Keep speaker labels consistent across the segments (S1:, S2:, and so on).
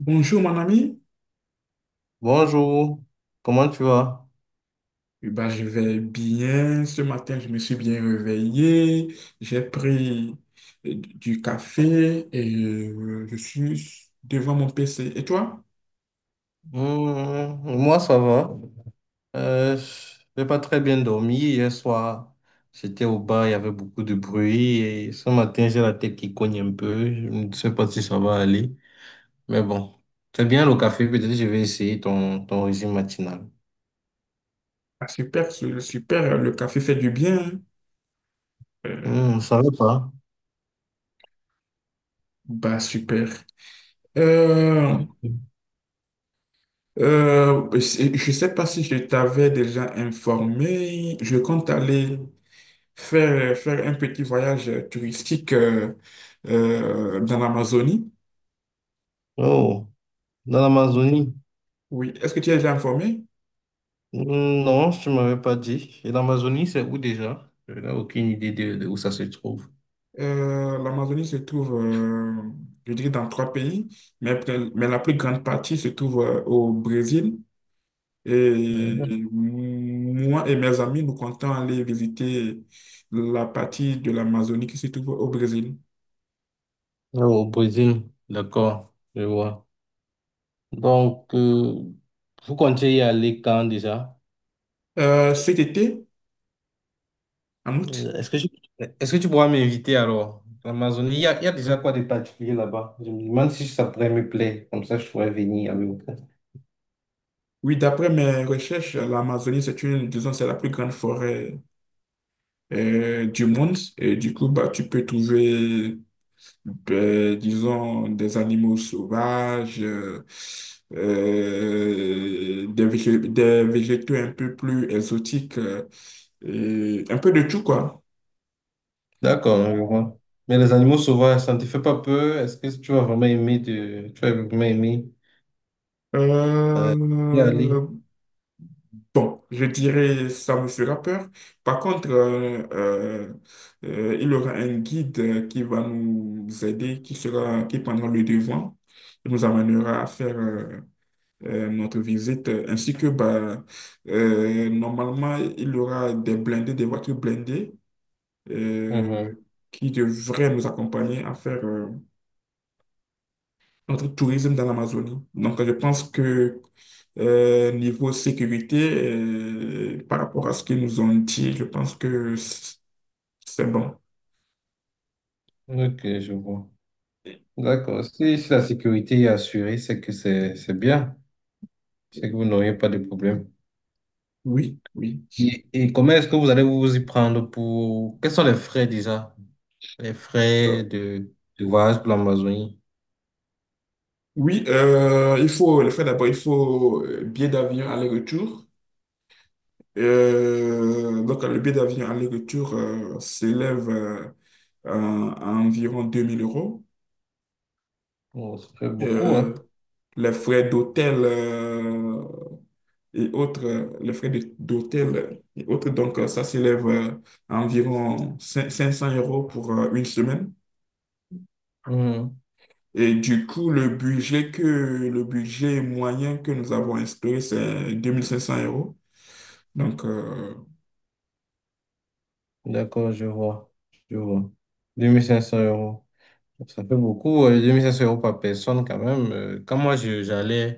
S1: Bonjour mon ami.
S2: Bonjour, comment tu vas?
S1: Je vais bien. Ce matin, je me suis bien réveillé. J'ai pris du café et je suis devant mon PC. Et toi?
S2: Moi, ça va. Euh, j'ai pas très bien dormi. Hier soir, j'étais au bar, il y avait beaucoup de bruit. Et ce matin, j'ai la tête qui cogne un peu. Je ne sais pas si ça va aller. Mais bon, c'est bien le café. Peut-être que je vais essayer ton régime matinal.
S1: Ah, super, super. Le café fait du bien, hein. Euh,
S2: Ça va pas?
S1: bah super. Euh,
S2: Ok.
S1: je ne sais pas si je t'avais déjà informé. Je compte aller faire un petit voyage touristique dans l'Amazonie.
S2: Oh, dans l'Amazonie?
S1: Oui, est-ce que tu es déjà informé?
S2: Non, tu m'avais pas dit. Et l'Amazonie, c'est où déjà? Je n'ai aucune idée de où ça se trouve.
S1: L'Amazonie se trouve, je dirais, dans trois pays, mais la plus grande partie se trouve au Brésil. Et moi et mes amis, nous comptons aller visiter la partie de l'Amazonie qui se trouve au Brésil.
S2: Au Brésil, d'accord, je vois. Donc, vous comptez y aller quand déjà?
S1: Cet été, en août.
S2: Euh, Est-ce que tu, est-ce que tu pourras m'inviter alors? L'Amazonie, il y a déjà quoi de particulier là-bas? Je me demande si ça pourrait me plaire, comme ça je pourrais venir avec vous.
S1: Oui, d'après mes recherches, l'Amazonie, c'est une, disons, c'est la plus grande forêt du monde. Et du coup, bah, tu peux trouver ben, disons, des animaux sauvages, des végétaux un peu plus exotiques, et un peu de tout, quoi.
S2: D'accord, je
S1: Mm.
S2: vois. Mais les animaux sauvages, ça ne te fait pas peur? Est-ce que tu vas vraiment aimer y aller?
S1: Euh, bon, je dirais ça me fera peur. Par contre, il y aura un guide qui va nous aider, qui sera, qui prendra le devant, qui nous amènera à faire notre visite, ainsi que bah, normalement, il y aura des blindés, des voitures blindées
S2: Mhm.
S1: euh, qui devraient nous accompagner à faire notre tourisme dans l'Amazonie. Donc, je pense que niveau sécurité, par rapport à ce qu'ils nous ont dit, je pense que c'est bon.
S2: Ok, je vois. D'accord. Si la sécurité est assurée, c'est que c'est bien. C'est que vous n'auriez pas de problème.
S1: Oui, oui.
S2: Et comment est-ce que vous allez vous y prendre pour... Quels sont les frais déjà? Les frais
S1: Euh,
S2: de voyage pour l'Amazonie?
S1: oui, il faut le faire d'abord, il faut billet d'avion aller-retour. Donc, le billet d'avion aller-retour s'élève à environ 2 000 euros.
S2: Bon, ça fait beaucoup, hein?
S1: Euh, les frais d'hôtel et autres, les frais d'hôtel et autres, donc ça s'élève à environ 500 euros pour une semaine.
S2: Mhm.
S1: Et du coup, le budget moyen que nous avons instauré, c'est 2 500 euros. Donc,
S2: D'accord, je vois. Je vois. 2 500 euros. Ça fait beaucoup, 2 500 euros par personne quand même.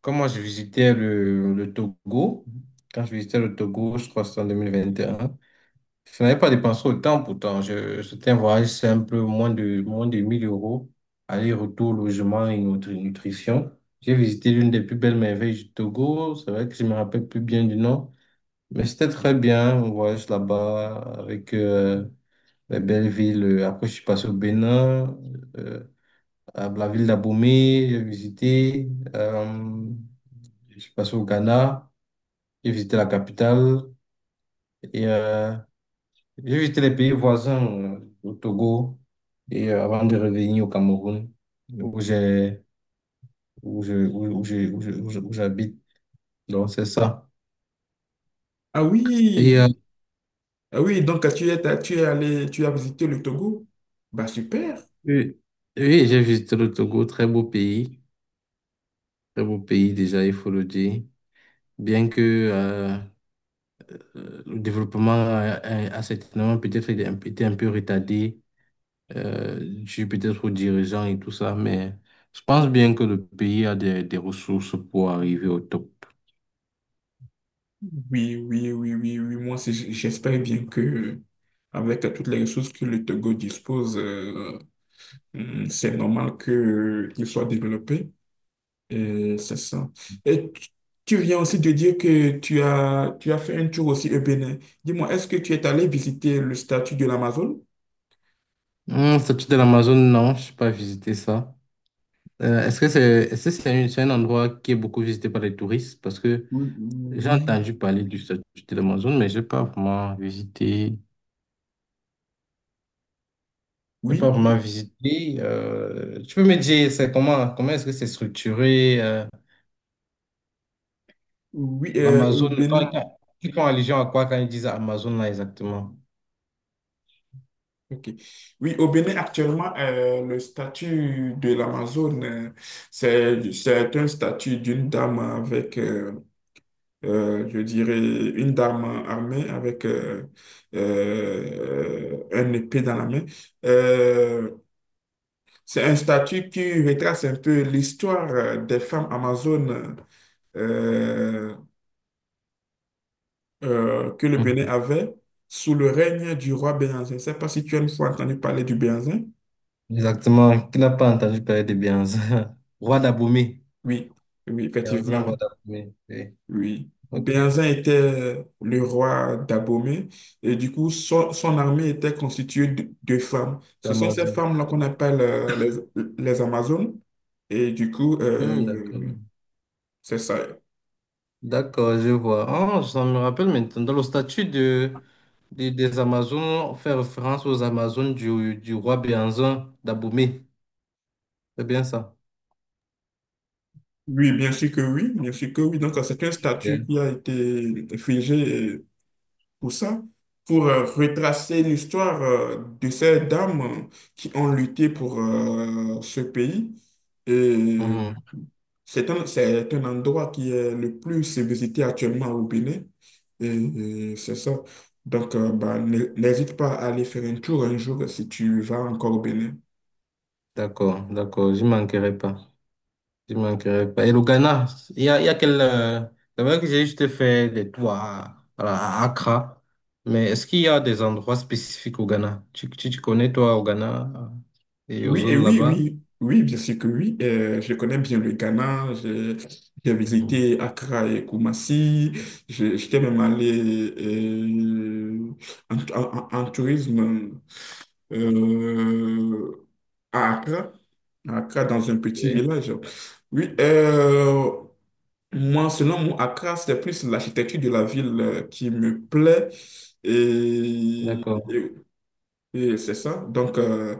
S2: quand moi je visitais le, le Togo, quand je visitais le Togo, je crois que c'était en 2021. Je n'avais pas dépensé autant pourtant. C'était un voyage simple, moins de 1 000 euros, aller-retour, logement et nutrition. J'ai visité l'une des plus belles merveilles du Togo. C'est vrai que je ne me rappelle plus bien du nom, mais c'était très bien, un voyage là-bas avec les belles villes. Après, je suis passé au Bénin. euh, la ville d'Abomey, j'ai visité. Euh, je suis passé au Ghana, j'ai visité la capitale et j'ai visité les pays voisins, au Togo, et avant de revenir au Cameroun, où j'ai, où je, où, où j'ai- où j'habite. Donc, c'est ça.
S1: ah
S2: Et
S1: oui! Ah oui, donc tu es allé, tu as visité le Togo? Bah super.
S2: oui, oui, j'ai visité le Togo, très beau pays déjà, il faut le dire. Bien que euh, le développement a certainement peut-être été un peu retardé dû peut-être aux dirigeants et tout ça, mais je pense bien que le pays a des ressources pour arriver au top.
S1: Oui, oui, oui, oui, oui. Moi, j'espère bien que avec toutes les ressources que le Togo dispose, c'est normal que qu'il soit développé. Et c'est ça. Et tu viens aussi de dire que tu as fait un tour aussi au Bénin. Dis-moi, est-ce que tu es allé visiter le statut de l'Amazone?
S2: Statut de l'Amazon, non, je n'ai pas visité ça. Est-ce que c'est un endroit qui est beaucoup visité par les touristes? Parce que
S1: Oui,
S2: j'ai
S1: oui,
S2: entendu parler du statut de l'Amazon, mais je n'ai pas vraiment visité. J'ai pas
S1: oui, oui,
S2: vraiment visité. Tu peux me dire, c'est comment? Comment est-ce que c'est structuré?
S1: oui,
S2: L'Amazon,
S1: au Bénin.
S2: ils font allusion à quoi quand ils disent Amazon là exactement?
S1: Ok. Oui, au Bénin, actuellement, le statut de l'Amazone, c'est un statut d'une dame avec, je dirais, une dame armée avec un épée dans la main. Euh, c'est un statut qui retrace un peu l'histoire des femmes amazones euh, que le Bénin avait sous le règne du roi Béhanzin. Je ne sais pas si tu as une fois entendu parler du Béhanzin.
S2: Exactement. Qui n'a pas entendu parler de Béhanzin? Roi d'Abomey.
S1: Oui, oui,
S2: Béhanzin,
S1: effectivement.
S2: roi d'Abomey. Oui.
S1: Oui,
S2: Ok.
S1: Béhanzin était le roi d'Abomey et du coup, son armée était constituée de femmes. Ce sont ces
S2: D'Amazon.
S1: femmes-là qu'on appelle les Amazones et du coup,
S2: Hmm, d'accord.
S1: c'est ça.
S2: D'accord, je vois. Ah, ça me rappelle maintenant. Dans le statut des Amazones, on fait référence aux Amazones du roi Béhanzin d'Abomey. C'est bien ça?
S1: Oui, bien sûr que oui, bien sûr que oui. Donc, c'est un statut
S2: Ok.
S1: qui a été figé pour ça, pour retracer l'histoire de ces dames qui ont lutté pour ce pays. Et
S2: Mhm.
S1: c'est un endroit qui est le plus visité actuellement au Bénin. Et, et c'est ça. Donc, bah, n'hésite pas à aller faire un tour un jour si tu vas encore au Bénin.
S2: D'accord, d'accord. Je manquerai pas. Il manquerait pas. Et le Ghana. Il y a quel. C'est vrai que j'ai juste fait des tours à Accra, mais est-ce qu'il y a des endroits spécifiques au Ghana? Tu connais, toi, au Ghana et aux
S1: Oui, et
S2: zones
S1: oui,
S2: là-bas?
S1: oui, oui, bien sûr que oui. Je connais bien le Ghana. J'ai
S2: Mhm.
S1: visité Accra et Koumassi. J'étais même allé en tourisme. euh, à Accra, à Accra, dans un petit
S2: Oui,
S1: village. Oui, moi, selon moi, Accra, c'est plus l'architecture de la ville qui me plaît. Et,
S2: d'accord.
S1: et- et c'est ça. Donc,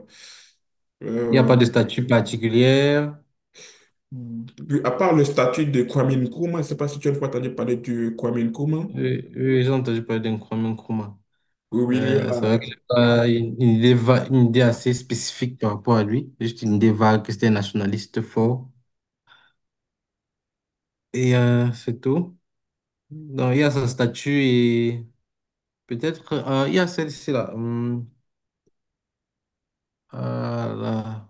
S2: Il n'y a
S1: euh,
S2: pas de statue particulière.
S1: oui, à part le statut de Kwame Nkrumah, je ne sais pas si tu as une fois entendu parler du Kwame Nkrumah.
S2: Oui, oui, j'ai entendu parler d'un Kwame Nkrumah.
S1: Oui, oui, il y a.
S2: C'est vrai que j'ai pas une idée assez spécifique par rapport à lui. Juste une idée vague que c'était un nationaliste fort. Et c'est tout. Donc, il y a sa statue. Peut-être, il y a celle-ci là. Ah là.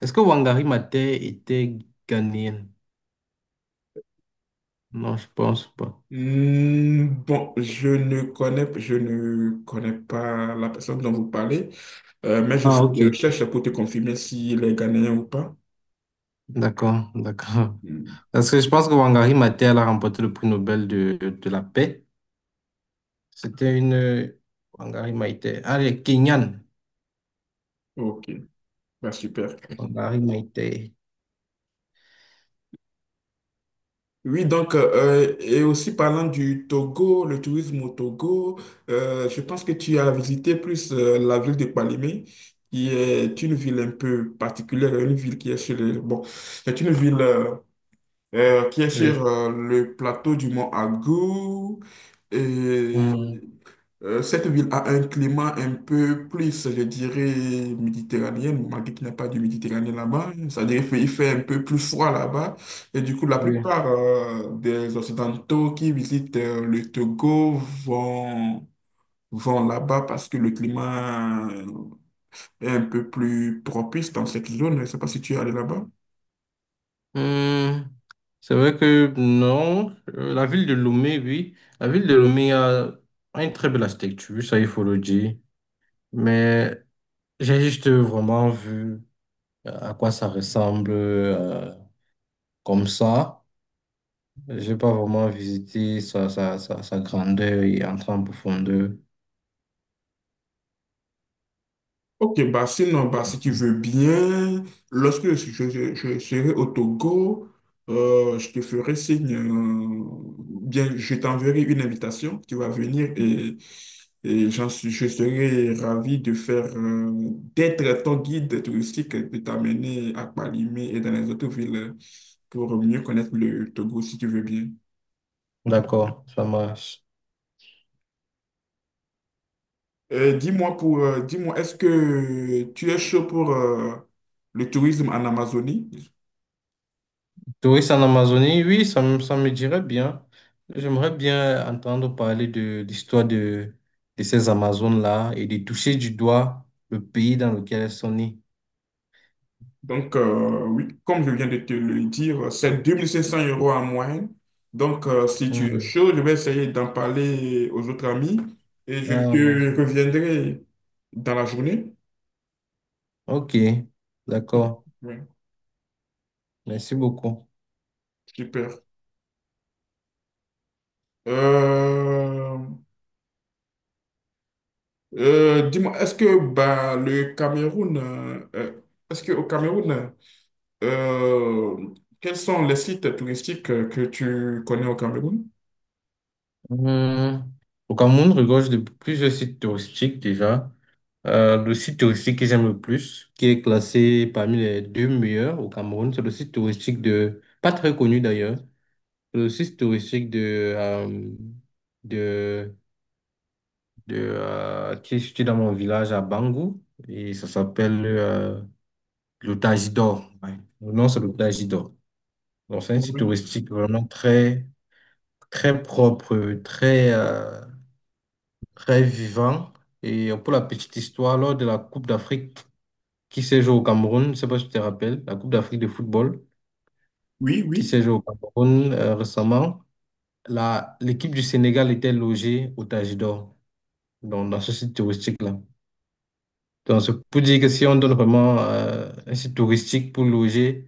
S2: Est-ce que Wangari Maathai était ghanéenne? Non, je pense pas.
S1: Hmm. Bon, je ne connais pas la personne dont vous parlez, mais je fais
S2: Ah,
S1: des
S2: ok.
S1: recherches pour te confirmer s'il est Ghanéen ou pas.
S2: D'accord, d'accord.
S1: Hmm.
S2: Parce que je pense que Wangari Maathai, elle a remporté le prix Nobel de la paix. C'était une... Wangari Maathai. Ah, elle est kenyane.
S1: Ok, bah, super.
S2: Wangari Maathai.
S1: Oui, donc, et aussi parlant du Togo, le tourisme au Togo, je pense que tu as visité plus la ville de Palimé, qui est une ville un peu particulière, une ville qui est sur le, bon, c'est une ville qui est
S2: Oui.
S1: sur le plateau du mont Agou. Et
S2: Hum,
S1: cette ville a un climat un peu plus, je dirais, méditerranéen, malgré qu'il n'y a pas de Méditerranée là-bas. C'est-à-dire qu'il fait un peu plus froid là-bas. Et du coup, la
S2: oui.
S1: plupart des Occidentaux qui visitent le Togo vont, vont là-bas parce que le climat est un peu plus propice dans cette zone. Je ne sais pas si tu es allé là-bas.
S2: Hum, c'est vrai que non, la ville de Lomé, oui. La ville de Lomé a une très belle architecture, ça il faut le dire. Mais j'ai juste vraiment vu à quoi ça ressemble comme ça. J'ai pas vraiment visité sa grandeur et entrer en profondeur.
S1: Ok, bah sinon, bah, si tu veux bien, lorsque je serai au Togo, je te ferai signe, bien, je t'enverrai une invitation, tu vas venir et, j'en suis, je serai ravi de faire, d'être ton guide touristique, de t'amener à Palimé et dans les autres villes pour mieux connaître le Togo, si tu veux bien.
S2: D'accord, ça marche.
S1: Dis-moi, est-ce que tu es chaud pour, le tourisme en Amazonie?
S2: Touristes en Amazonie, oui, ça me dirait bien. J'aimerais bien entendre parler de l'histoire de ces Amazones-là et de toucher du doigt le pays dans lequel elles sont nées.
S1: Donc, oui, comme je viens de te le dire, c'est 2 500 euros en moyenne. Donc, si tu es
S2: Mhm.
S1: chaud, je vais essayer d'en parler aux autres amis et je
S2: Ah,
S1: te
S2: Amazonie.
S1: reviendrai dans la journée.
S2: Ok, d'accord.
S1: Oui,
S2: Merci beaucoup.
S1: super. Euh, dis-moi, est-ce que bah, le Cameroun, est-ce qu'au Cameroun, Euh, quels sont les sites touristiques que tu connais au Cameroun?
S2: Hum, Au Cameroun regorge de plusieurs sites touristiques déjà. Le site touristique que j'aime le plus, qui est classé parmi les deux meilleurs au Cameroun, c'est le site touristique de, pas très connu d'ailleurs, c'est le site touristique de, de, qui est situé dans mon village à Bangou, et ça s'appelle le Tajidor. Ouais. Le nom, c'est le Tajidor. Donc, c'est un site
S1: Ouais.
S2: touristique vraiment très, très propre, très, très vivant. Et pour la petite histoire, lors de la Coupe d'Afrique, qui s'est joué au Cameroun, je ne sais pas si tu te rappelles, la Coupe d'Afrique de football
S1: Oui,
S2: qui
S1: oui.
S2: s'est jouée au Cameroun récemment. L'équipe du Sénégal était logée au Tajidor, donc dans ce site touristique-là. Donc, c'est pour dire que si on donne vraiment un site touristique pour loger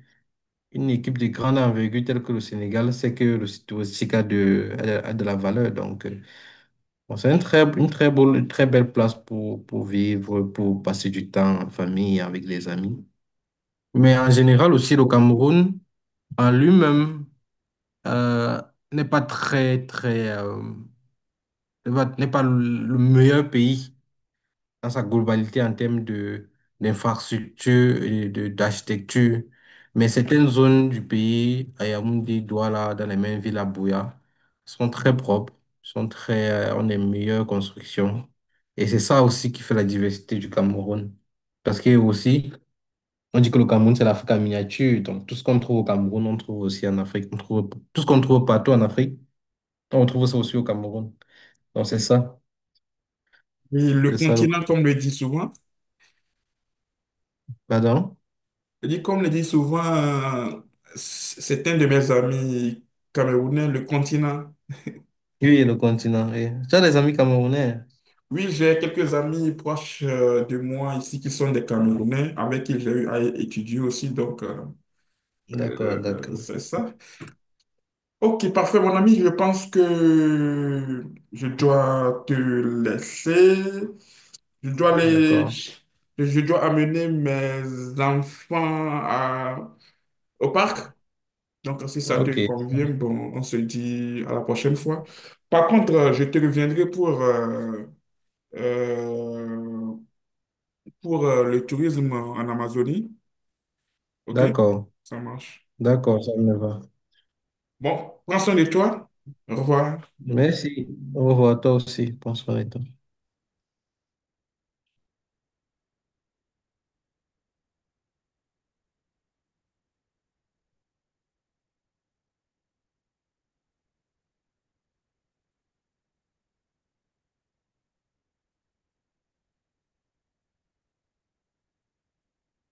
S2: une équipe de grande envergure telle que le Sénégal, c'est que le site touristique a de la valeur. Donc, bon, c'est une très belle place pour vivre, pour passer du temps en famille, avec les amis. Mais en général aussi, le Cameroun, en lui-même euh, n'est pas très, n'est pas le meilleur pays dans sa globalité en termes de d'infrastructure et de d'architecture. Mais certaines zones du pays, à Yaoundé, Douala, dans les mêmes villes à Bouya, sont très propres, ont des meilleures constructions. Et c'est ça aussi qui fait la diversité du Cameroun. Parce que aussi, on dit que le Cameroun, c'est l'Afrique en miniature. Donc, tout ce qu'on trouve au Cameroun, on trouve aussi en Afrique. Tout ce qu'on trouve partout en Afrique, on trouve ça aussi au Cameroun. Donc, c'est ça.
S1: Oui. Et le
S2: C'est ça le
S1: continent, comme le dit souvent,
S2: Pardon?
S1: je dis comme le dit souvent, c'est un de mes amis camerounais, le continent.
S2: Oui, le continent. Oui. Tu as des amis camerounais?
S1: Oui, j'ai quelques amis proches de moi ici qui sont des Camerounais, avec qui j'ai eu à étudier aussi, donc
S2: D'accord, d'accord.
S1: c'est ça. Ok, parfait, mon ami. Je pense que je dois te laisser. Je dois les...
S2: D'accord.
S1: Je dois amener mes enfants au parc. Donc, si ça te
S2: OK.
S1: convient, bon, on se dit à la prochaine fois. Par contre, je te reviendrai pour, euh, le tourisme en Amazonie. Ok?
S2: D'accord.
S1: Ça marche.
S2: D'accord, ça me va.
S1: Bon, prends soin de toi. Au revoir.
S2: Merci. Au revoir, toi aussi. Bonsoir.